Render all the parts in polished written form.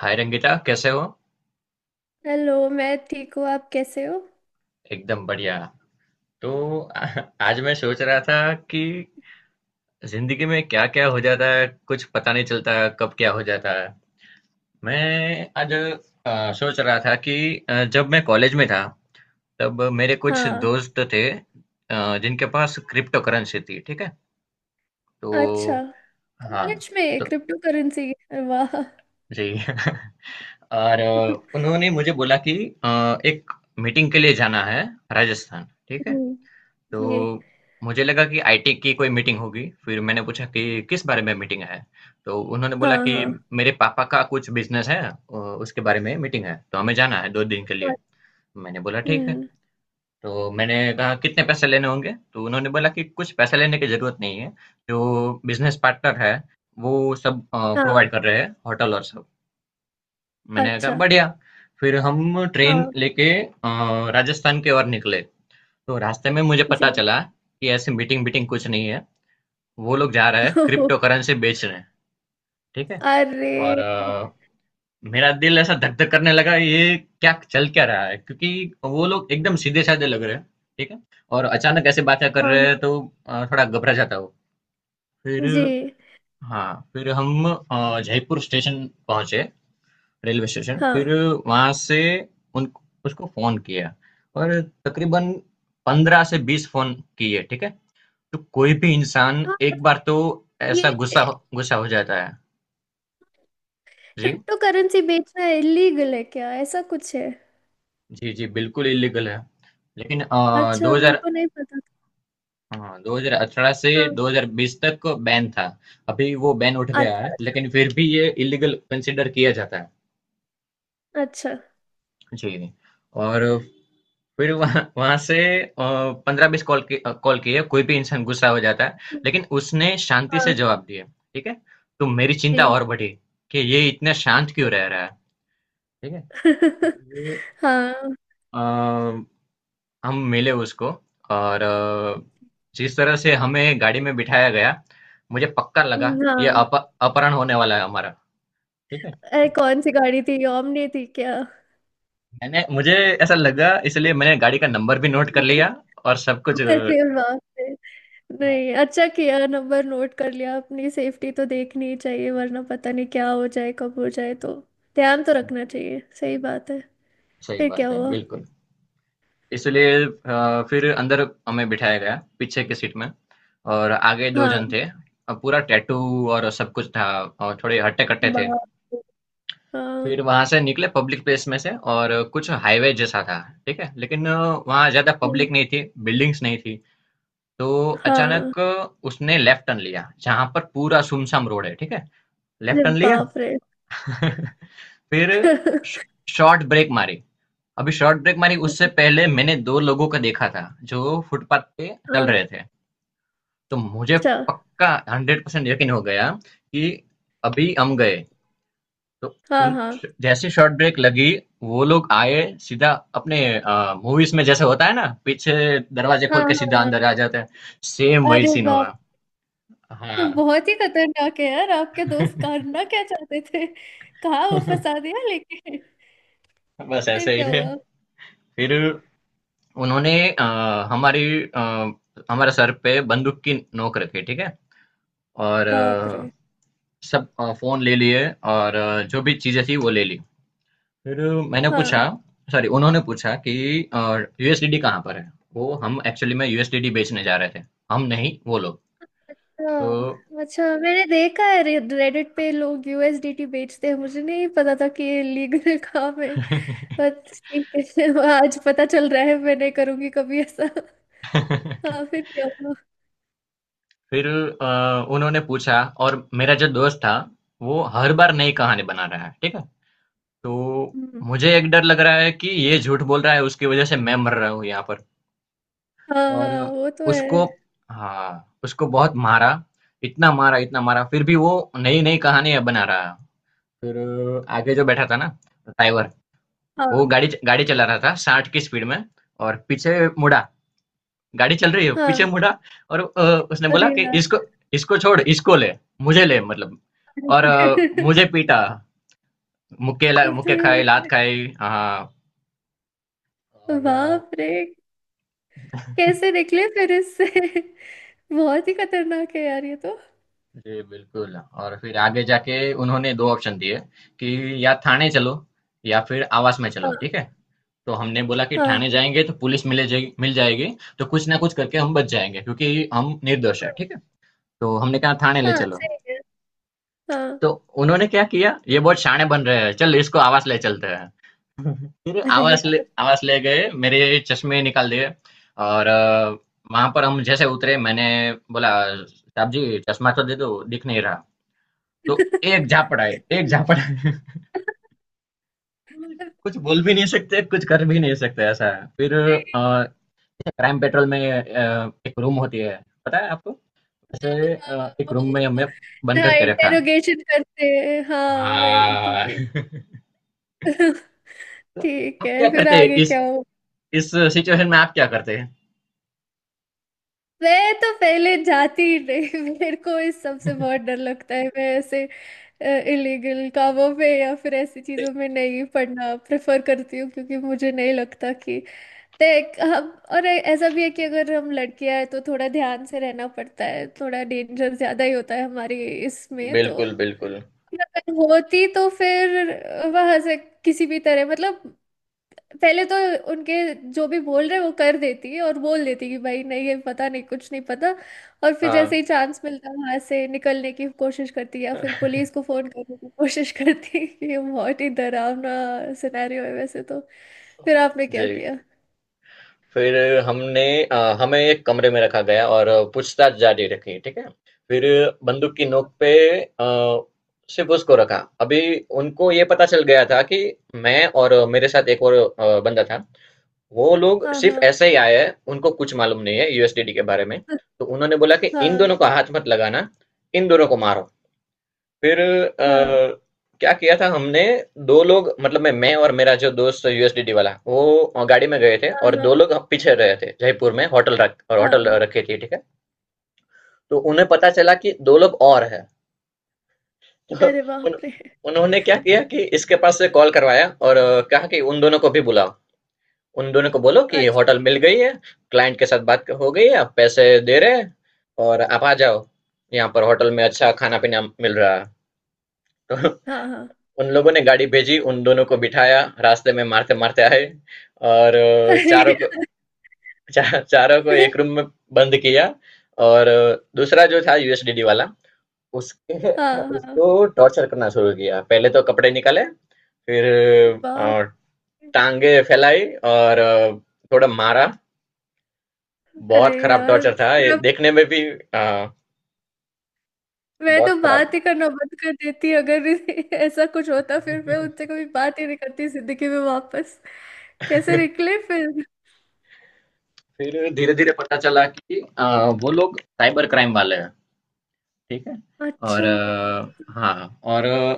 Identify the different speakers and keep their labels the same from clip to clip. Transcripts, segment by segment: Speaker 1: हाय रंगिता, कैसे हो?
Speaker 2: हेलो। मैं ठीक हूँ, आप कैसे हो?
Speaker 1: एकदम बढ़िया। तो आज मैं सोच रहा था कि जिंदगी में क्या क्या हो जाता है, कुछ पता नहीं चलता कब क्या हो जाता है। मैं आज सोच रहा था कि जब मैं कॉलेज में था तब मेरे कुछ
Speaker 2: हाँ।
Speaker 1: दोस्त थे, जिनके पास क्रिप्टो करेंसी थी, ठीक है। तो,
Speaker 2: अच्छा।
Speaker 1: हाँ,
Speaker 2: कॉलेज में
Speaker 1: तो,
Speaker 2: क्रिप्टो करेंसी! वाह।
Speaker 1: जी। और उन्होंने मुझे बोला कि एक मीटिंग के लिए जाना है, राजस्थान, ठीक है।
Speaker 2: हम्म।
Speaker 1: तो
Speaker 2: ये।
Speaker 1: मुझे लगा कि आईटी की कोई मीटिंग होगी। फिर मैंने पूछा कि किस बारे में मीटिंग है। तो उन्होंने
Speaker 2: हाँ,
Speaker 1: बोला कि
Speaker 2: हाँ।
Speaker 1: मेरे पापा का कुछ बिजनेस है, उसके बारे में मीटिंग है, तो हमें जाना है 2 दिन के लिए।
Speaker 2: और-
Speaker 1: मैंने बोला ठीक है।
Speaker 2: हम्म।
Speaker 1: तो मैंने कहा कितने पैसे लेने होंगे। तो उन्होंने बोला कि कुछ पैसे लेने की जरूरत नहीं है। जो बिजनेस पार्टनर है वो सब
Speaker 2: हाँ।
Speaker 1: प्रोवाइड कर रहे हैं, होटल और सब। मैंने कहा
Speaker 2: अच्छा।
Speaker 1: बढ़िया। फिर हम ट्रेन
Speaker 2: हाँ।
Speaker 1: लेके राजस्थान की ओर निकले। तो रास्ते में मुझे
Speaker 2: जी।
Speaker 1: पता चला कि ऐसी मीटिंग मीटिंग कुछ नहीं है, वो लोग जा रहे हैं क्रिप्टो करेंसी बेच रहे हैं, ठीक है।
Speaker 2: अरे।
Speaker 1: और मेरा दिल ऐसा धक धक करने लगा, ये क्या चल क्या रहा है, क्योंकि वो लोग एकदम सीधे साधे लग रहे हैं, ठीक है। और अचानक ऐसे बातें कर
Speaker 2: हाँ,
Speaker 1: रहे हैं,
Speaker 2: हाँ।
Speaker 1: तो थोड़ा घबरा जाता हूँ। फिर,
Speaker 2: जी।
Speaker 1: हाँ, फिर हम जयपुर स्टेशन पहुंचे, रेलवे स्टेशन। फिर
Speaker 2: हाँ,
Speaker 1: वहां से उन उसको फोन किया, और तकरीबन 15-20 फोन किए, ठीक है। तो कोई भी इंसान
Speaker 2: हाँ।
Speaker 1: एक बार तो ऐसा
Speaker 2: ये,
Speaker 1: गुस्सा हो जाता है। जी।
Speaker 2: क्रिप्टो करेंसी बेचना इलीगल है क्या? ऐसा कुछ है?
Speaker 1: जी, जी, बिल्कुल इल्लीगल है। लेकिन
Speaker 2: अच्छा, मेरे
Speaker 1: 2000,
Speaker 2: को नहीं पता
Speaker 1: हाँ, 2018 से
Speaker 2: था। हाँ।
Speaker 1: 2020 तक बैन था। अभी वो बैन उठ गया
Speaker 2: अच्छा,
Speaker 1: है, लेकिन फिर भी ये इल्लीगल कंसीडर किया जाता है।
Speaker 2: अच्छा। अच्छा।
Speaker 1: जी, और फिर वहाँ वहाँ से अ, 15-20 कॉल किए, कोई भी इंसान गुस्सा हो जाता है, लेकिन उसने शांति
Speaker 2: हाँ।
Speaker 1: से जवाब दिया, ठीक है? तो मेरी चिंता
Speaker 2: जी।
Speaker 1: और बढ़ी कि ये इतना शांत क्यों रह रहा है, ठीक है? तो ये
Speaker 2: हाँ,
Speaker 1: अ हम मिले उसको, और जिस तरह से हमें गाड़ी में बिठाया गया, मुझे पक्का लगा ये
Speaker 2: हाँ।
Speaker 1: अपहरण होने वाला है हमारा, ठीक है।
Speaker 2: अरे, कौन सी गाड़ी थी? ओमनी थी क्या?
Speaker 1: मैंने मुझे ऐसा लगा, इसलिए मैंने गाड़ी का नंबर भी नोट कर लिया और सब कुछ,
Speaker 2: अरे बाप रे।
Speaker 1: हाँ,
Speaker 2: नहीं, अच्छा किया नंबर नोट कर लिया। अपनी सेफ्टी तो देखनी ही चाहिए, वरना पता नहीं क्या हो जाए, कब हो जाए, तो। ध्यान तो रखना चाहिए, सही बात है।
Speaker 1: सही
Speaker 2: फिर क्या
Speaker 1: बात है,
Speaker 2: हुआ?
Speaker 1: बिल्कुल। इसलिए फिर अंदर हमें बिठाया गया पीछे की सीट में, और आगे दो
Speaker 2: हाँ।
Speaker 1: जन थे, पूरा टैटू और सब कुछ था, और थोड़े हट्टे कट्टे थे।
Speaker 2: बाप रे। हाँ।
Speaker 1: फिर वहां से निकले पब्लिक प्लेस में से, और कुछ हाईवे जैसा था, ठीक है। लेकिन वहां ज्यादा
Speaker 2: हम्म।
Speaker 1: पब्लिक नहीं थी, बिल्डिंग्स नहीं थी। तो
Speaker 2: हाँ।
Speaker 1: अचानक उसने लेफ्ट टर्न लिया जहां पर पूरा सुमसाम रोड है, ठीक है। लेफ्ट
Speaker 2: अरे
Speaker 1: टर्न लिया।
Speaker 2: बाप रे।
Speaker 1: फिर शॉर्ट ब्रेक मारी। अभी शॉर्ट ब्रेक मारी, उससे पहले मैंने दो लोगों को देखा था जो फुटपाथ पे चल
Speaker 2: हाँ।
Speaker 1: रहे थे। तो मुझे
Speaker 2: अच्छा।
Speaker 1: पक्का 100% यकीन हो गया कि अभी हम गए। तो
Speaker 2: हाँ,
Speaker 1: उन
Speaker 2: हाँ।
Speaker 1: जैसे शॉर्ट ब्रेक लगी, वो लोग आए, सीधा अपने मूवीज़ में जैसे होता है ना, पीछे दरवाज़े
Speaker 2: हाँ,
Speaker 1: खोल के सीधा
Speaker 2: हाँ।
Speaker 1: अंदर आ जाते हैं, सेम वही
Speaker 2: अरे
Speaker 1: सीन
Speaker 2: बाप!
Speaker 1: हुआ।
Speaker 2: ये
Speaker 1: हाँ।
Speaker 2: बहुत ही खतरनाक है यार, आपके दोस्त करना क्या चाहते थे? कहाँ वो फंसा दिया लेके।
Speaker 1: बस
Speaker 2: फिर
Speaker 1: ऐसे ही
Speaker 2: क्या
Speaker 1: थे।
Speaker 2: हुआ?
Speaker 1: फिर उन्होंने हमारी अ, हमारे सर पे बंदूक की नोक रखी, ठीक है? और
Speaker 2: बाप रे।
Speaker 1: सब फ़ोन ले लिए, और जो भी चीज़ें थी, वो ले ली। फिर मैंने पूछा,
Speaker 2: हाँ,
Speaker 1: सॉरी, उन्होंने पूछा कि यूएसडीडी कहाँ पर है, वो हम एक्चुअली में यूएसडीडी बेचने जा रहे थे, हम नहीं वो लोग। तो।
Speaker 2: हाँ। अच्छा, मैंने देखा है रेडिट पे लोग यूएसडीटी बेचते हैं। मुझे नहीं पता था कि ये लीगल काम है। बट ठीक है। आज पता चल रहा है, मैं नहीं करूंगी कभी ऐसा। हाँ, फिर क्या हुआ?
Speaker 1: फिर अ, उन्होंने पूछा, और मेरा जो दोस्त था वो हर बार नई कहानी बना रहा है, ठीक है। तो
Speaker 2: हम्म।
Speaker 1: मुझे एक डर लग रहा है कि ये झूठ बोल रहा है, उसकी वजह से मैं मर रहा हूँ यहाँ पर।
Speaker 2: हाँ,
Speaker 1: और
Speaker 2: हाँ, वो तो है।
Speaker 1: उसको हाँ उसको बहुत मारा। इतना मारा इतना मारा, फिर भी वो नई नई कहानियां बना रहा है। फिर आगे जो बैठा था ना, ड्राइवर,
Speaker 2: हाँ,
Speaker 1: वो गाड़ी गाड़ी चला रहा था 60 की स्पीड में, और पीछे मुड़ा, गाड़ी चल रही है, पीछे
Speaker 2: हाँ।
Speaker 1: मुड़ा, और उसने बोला
Speaker 2: अरे
Speaker 1: कि
Speaker 2: यार।
Speaker 1: इसको इसको छोड़, इसको ले, मुझे ले, मतलब। और मुझे पीटा,
Speaker 2: अरे
Speaker 1: मुक्के खाए, लात खाई, हाँ। और
Speaker 2: बाप रे, कैसे निकले फिर इससे? बहुत ही खतरनाक है यार ये तो।
Speaker 1: जी बिल्कुल। और फिर आगे जाके उन्होंने दो ऑप्शन दिए कि या थाने चलो या फिर आवास में चलो, ठीक
Speaker 2: हाँ।
Speaker 1: है। तो हमने बोला कि
Speaker 2: हाँ।
Speaker 1: ठाणे जाएँगे तो पुलिस मिल जाएगी, तो कुछ ना कुछ करके हम बच जाएँगे क्योंकि हम निर्दोष हैं, ठीक है? तो हमने कहा ठाणे ले
Speaker 2: हाँ,
Speaker 1: चलो।
Speaker 2: सही है।
Speaker 1: तो
Speaker 2: हाँ।
Speaker 1: उन्होंने क्या किया, ये बहुत शाणे बन रहे हैं, चल इसको आवास ले चलते हैं। फिर
Speaker 2: अरे यार।
Speaker 1: आवास ले गए, मेरे चश्मे निकाल दिए, और वहाँ पर हम जैसे उतरे मैंने बोला, "साहब जी, चश्मा तो दे दो, दिख नहीं रहा।" तो एक झापड़ आई, एक झापड़ आई। कुछ बोल भी नहीं सकते, कुछ कर भी नहीं सकते, ऐसा है। फिर अ, क्राइम पेट्रोल में एक रूम होती है, पता है आपको? ऐसे एक रूम में हमें बंद
Speaker 2: हाँ,
Speaker 1: करके रखा।
Speaker 2: इंटेरोगेशन करते हैं, हाँ वही, ठीक
Speaker 1: हाँ।
Speaker 2: है।
Speaker 1: तो
Speaker 2: ठीक
Speaker 1: आप क्या
Speaker 2: है, फिर
Speaker 1: करते हैं
Speaker 2: आगे क्या हो?
Speaker 1: इस सिचुएशन में आप क्या करते हैं?
Speaker 2: मैं तो पहले जाती ही नहीं। मेरे को इस सब से बहुत डर लगता है। मैं ऐसे इलीगल कामों में या फिर ऐसी चीजों में नहीं पढ़ना प्रेफर करती हूँ, क्योंकि मुझे नहीं लगता कि देख हम। और ऐसा भी है कि अगर हम लड़कियां हैं तो थोड़ा ध्यान से रहना पड़ता है, थोड़ा डेंजर ज्यादा ही होता है हमारी इसमें, तो।
Speaker 1: बिल्कुल बिल्कुल।
Speaker 2: अगर होती तो फिर वहां से किसी भी तरह, मतलब पहले तो उनके जो भी बोल रहे वो कर देती है, और बोल देती कि भाई नहीं, ये पता नहीं, कुछ नहीं पता। और फिर जैसे
Speaker 1: हाँ,
Speaker 2: ही चांस मिलता वहां से निकलने की कोशिश करती, या फिर पुलिस को फोन करने की कोशिश करती। ये बहुत ही डरावना सिनेरियो है वैसे तो। फिर आपने
Speaker 1: जी।
Speaker 2: क्या किया?
Speaker 1: फिर हमें एक कमरे में रखा गया, और पूछताछ जारी रखी, ठीक है। फिर बंदूक की नोक पे अ, सिर्फ उसको रखा। अभी उनको ये पता चल गया था कि मैं और मेरे साथ एक और बंदा था, वो लोग
Speaker 2: हाँ,
Speaker 1: सिर्फ़
Speaker 2: हाँ।
Speaker 1: ऐसे ही आए हैं, उनको कुछ मालूम नहीं है यूएसडीडी के बारे में। तो उन्होंने बोला कि इन
Speaker 2: हाँ,
Speaker 1: दोनों को हाथ मत लगाना, इन दोनों को मारो। फिर
Speaker 2: हाँ।
Speaker 1: क्या किया था हमने। 2 लोग मतलब, मैं और मेरा जो दोस्त यूएसडीडी वाला, वो गाड़ी में गए थे,
Speaker 2: हाँ।
Speaker 1: और
Speaker 2: हाँ।
Speaker 1: 2 लोग पीछे रहे थे, जयपुर में होटल रख और होटल
Speaker 2: हाँ
Speaker 1: रखी थी, ठीक है। तो उन्हें पता चला कि 2 लोग और हैं। तो
Speaker 2: अरे बाप
Speaker 1: उन
Speaker 2: रे।
Speaker 1: उन्होंने क्या किया कि इसके पास से कॉल करवाया, और कहा कि उन दोनों को भी बुलाओ। उन दोनों को बोलो कि
Speaker 2: अच्छा।
Speaker 1: होटल मिल गई है, क्लाइंट के साथ बात हो गई है, आप पैसे दे रहे हैं, और आप आ जाओ, यहाँ पर होटल में अच्छा खाना पीना मिल रहा है। तो
Speaker 2: हाँ, हाँ।
Speaker 1: उन लोगों ने गाड़ी भेजी, उन दोनों को बिठाया, रास्ते में मारते मारते आए, और
Speaker 2: अरे।
Speaker 1: चारों को चारों को एक रूम में बंद किया। और दूसरा जो था यूएसडीडी वाला, उसके
Speaker 2: हाँ, हाँ।
Speaker 1: उसको टॉर्चर करना शुरू किया, पहले तो कपड़े निकाले, फिर
Speaker 2: बाप!
Speaker 1: अ, टांगे फैलाई और थोड़ा मारा।
Speaker 2: अरे
Speaker 1: बहुत खराब
Speaker 2: यार,
Speaker 1: टॉर्चर था ये
Speaker 2: फिर अब
Speaker 1: देखने में भी,
Speaker 2: मैं तो
Speaker 1: बहुत खराब।
Speaker 2: बात ही करना बंद कर देती अगर ऐसा कुछ होता। फिर मैं उनसे कभी बात ही नहीं करती जिंदगी में वापस। कैसे निकले फिर?
Speaker 1: फिर धीरे धीरे पता चला कि वो लोग साइबर क्राइम वाले हैं, ठीक है। और
Speaker 2: अच्छा,
Speaker 1: हाँ, और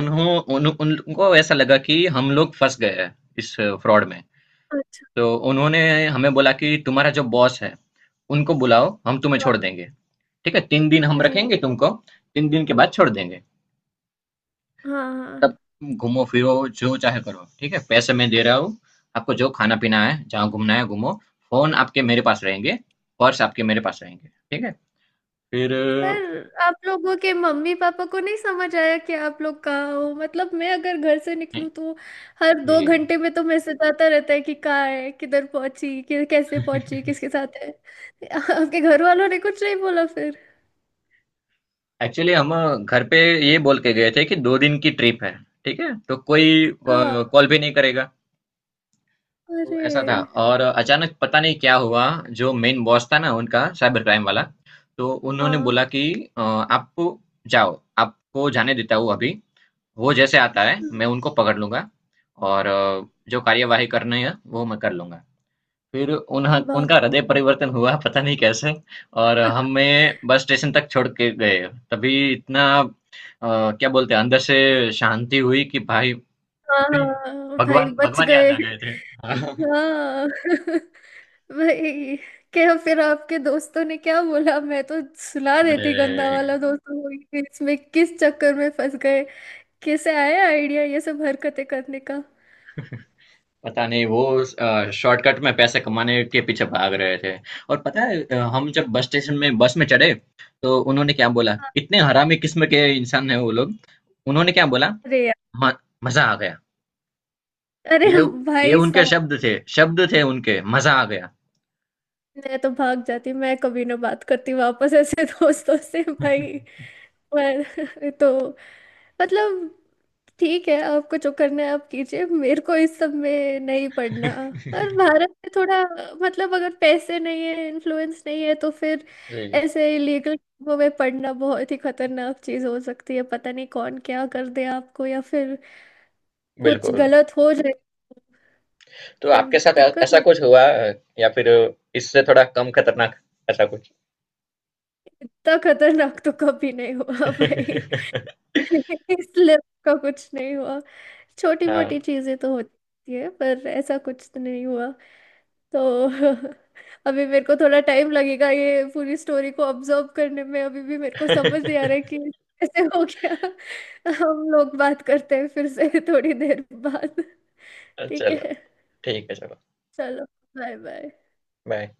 Speaker 1: उन्हों उन, उनको ऐसा लगा कि हम लोग फंस गए हैं इस फ्रॉड में।
Speaker 2: अच्छा।
Speaker 1: तो उन्होंने हमें बोला कि तुम्हारा जो बॉस है उनको बुलाओ, हम तुम्हें छोड़ देंगे, ठीक है। 3 दिन हम
Speaker 2: अरे।
Speaker 1: रखेंगे तुमको, 3 दिन के बाद छोड़ देंगे।
Speaker 2: हाँ,
Speaker 1: तब
Speaker 2: हाँ।
Speaker 1: तुम घूमो फिरो, जो चाहे करो, ठीक है। पैसे मैं दे रहा हूँ, आपको जो खाना पीना है जहाँ घूमना है घूमो। फोन आपके मेरे पास रहेंगे, पर्स आपके मेरे पास रहेंगे, ठीक है। फिर अ,
Speaker 2: पर आप लोगों के मम्मी पापा को नहीं समझ आया कि आप लोग कहाँ हो? मतलब मैं अगर घर से निकलूँ तो हर दो
Speaker 1: ये
Speaker 2: घंटे में तो मैसेज आता रहता है कि कहाँ है, किधर पहुंची, कि कैसे पहुंची, किसके साथ है। आपके घर वालों ने कुछ नहीं बोला फिर?
Speaker 1: एक्चुअली हम घर पे ये बोल के गए थे कि 2 दिन की ट्रिप है, ठीक है। तो कोई
Speaker 2: हाँ।
Speaker 1: कॉल भी नहीं करेगा। तो
Speaker 2: अरे।
Speaker 1: ऐसा था। और अचानक पता नहीं क्या हुआ, जो मेन बॉस था ना उनका, साइबर क्राइम वाला, तो उन्होंने
Speaker 2: हाँ।
Speaker 1: बोला कि आप जाओ, आपको जाने देता हूँ अभी। वो जैसे आता है मैं उनको पकड़ लूँगा, और जो कार्यवाही करनी है वो मैं कर लूँगा। फिर उन्ह
Speaker 2: बाप!
Speaker 1: उनका हृदय परिवर्तन हुआ, पता नहीं कैसे, और हमें बस स्टेशन तक छोड़ के गए। तभी इतना क्या बोलते हैं, अंदर से शांति हुई कि भाई
Speaker 2: हाँ,
Speaker 1: अभी
Speaker 2: हाँ, भाई
Speaker 1: भगवान
Speaker 2: बच
Speaker 1: भगवान याद
Speaker 2: गए।
Speaker 1: आ गए थे।
Speaker 2: हाँ। भाई, क्या! फिर आपके दोस्तों ने क्या बोला? मैं तो सुला देती गंदा वाला
Speaker 1: अरे!
Speaker 2: दोस्तों को, कि इसमें किस चक्कर में फंस गए। कैसे आया आइडिया ये सब हरकतें करने का?
Speaker 1: पता नहीं, वो शॉर्टकट में पैसे कमाने के पीछे भाग रहे थे। और पता है हम जब बस स्टेशन में बस में चढ़े तो उन्होंने क्या बोला, इतने हरामी किस्म के इंसान है वो लोग। उन्होंने क्या बोला,
Speaker 2: अरे यार।
Speaker 1: "म- मजा आ गया।"
Speaker 2: अरे
Speaker 1: ये ये
Speaker 2: भाई
Speaker 1: उनके
Speaker 2: साहब,
Speaker 1: शब्द थे, शब्द थे उनके, मजा आ गया।
Speaker 2: मैं तो भाग जाती, मैं कभी ना बात करती वापस ऐसे दोस्तों से भाई। पर तो मतलब, ठीक है आपको जो करना है आप कीजिए, मेरे को इस सब में नहीं पड़ना। और भारत में थोड़ा, मतलब अगर पैसे नहीं है, इन्फ्लुएंस नहीं है, तो फिर
Speaker 1: जी,
Speaker 2: ऐसे इलीगल वो में पड़ना बहुत ही खतरनाक चीज हो सकती है। पता नहीं कौन क्या कर दे आपको, या फिर कुछ
Speaker 1: बिल्कुल।
Speaker 2: गलत हो जाए,
Speaker 1: तो
Speaker 2: फिर
Speaker 1: आपके साथ
Speaker 2: दिक्कत
Speaker 1: ऐसा
Speaker 2: होती
Speaker 1: कुछ हुआ, या फिर इससे थोड़ा कम खतरनाक ऐसा कुछ?
Speaker 2: है। इतना खतरनाक तो कभी नहीं हुआ। भाई। इसलिए उसका कुछ नहीं हुआ। छोटी
Speaker 1: हाँ।
Speaker 2: मोटी चीजें तो होती है, पर ऐसा कुछ तो नहीं हुआ। तो अभी मेरे को थोड़ा टाइम लगेगा ये पूरी स्टोरी को ऑब्जर्व करने में। अभी भी मेरे को समझ नहीं आ रहा है कि कैसे हो गया। हम लोग बात करते हैं फिर से थोड़ी देर बाद, ठीक
Speaker 1: चलो,
Speaker 2: है?
Speaker 1: ठीक है। चलो,
Speaker 2: चलो, बाय बाय।
Speaker 1: बाय।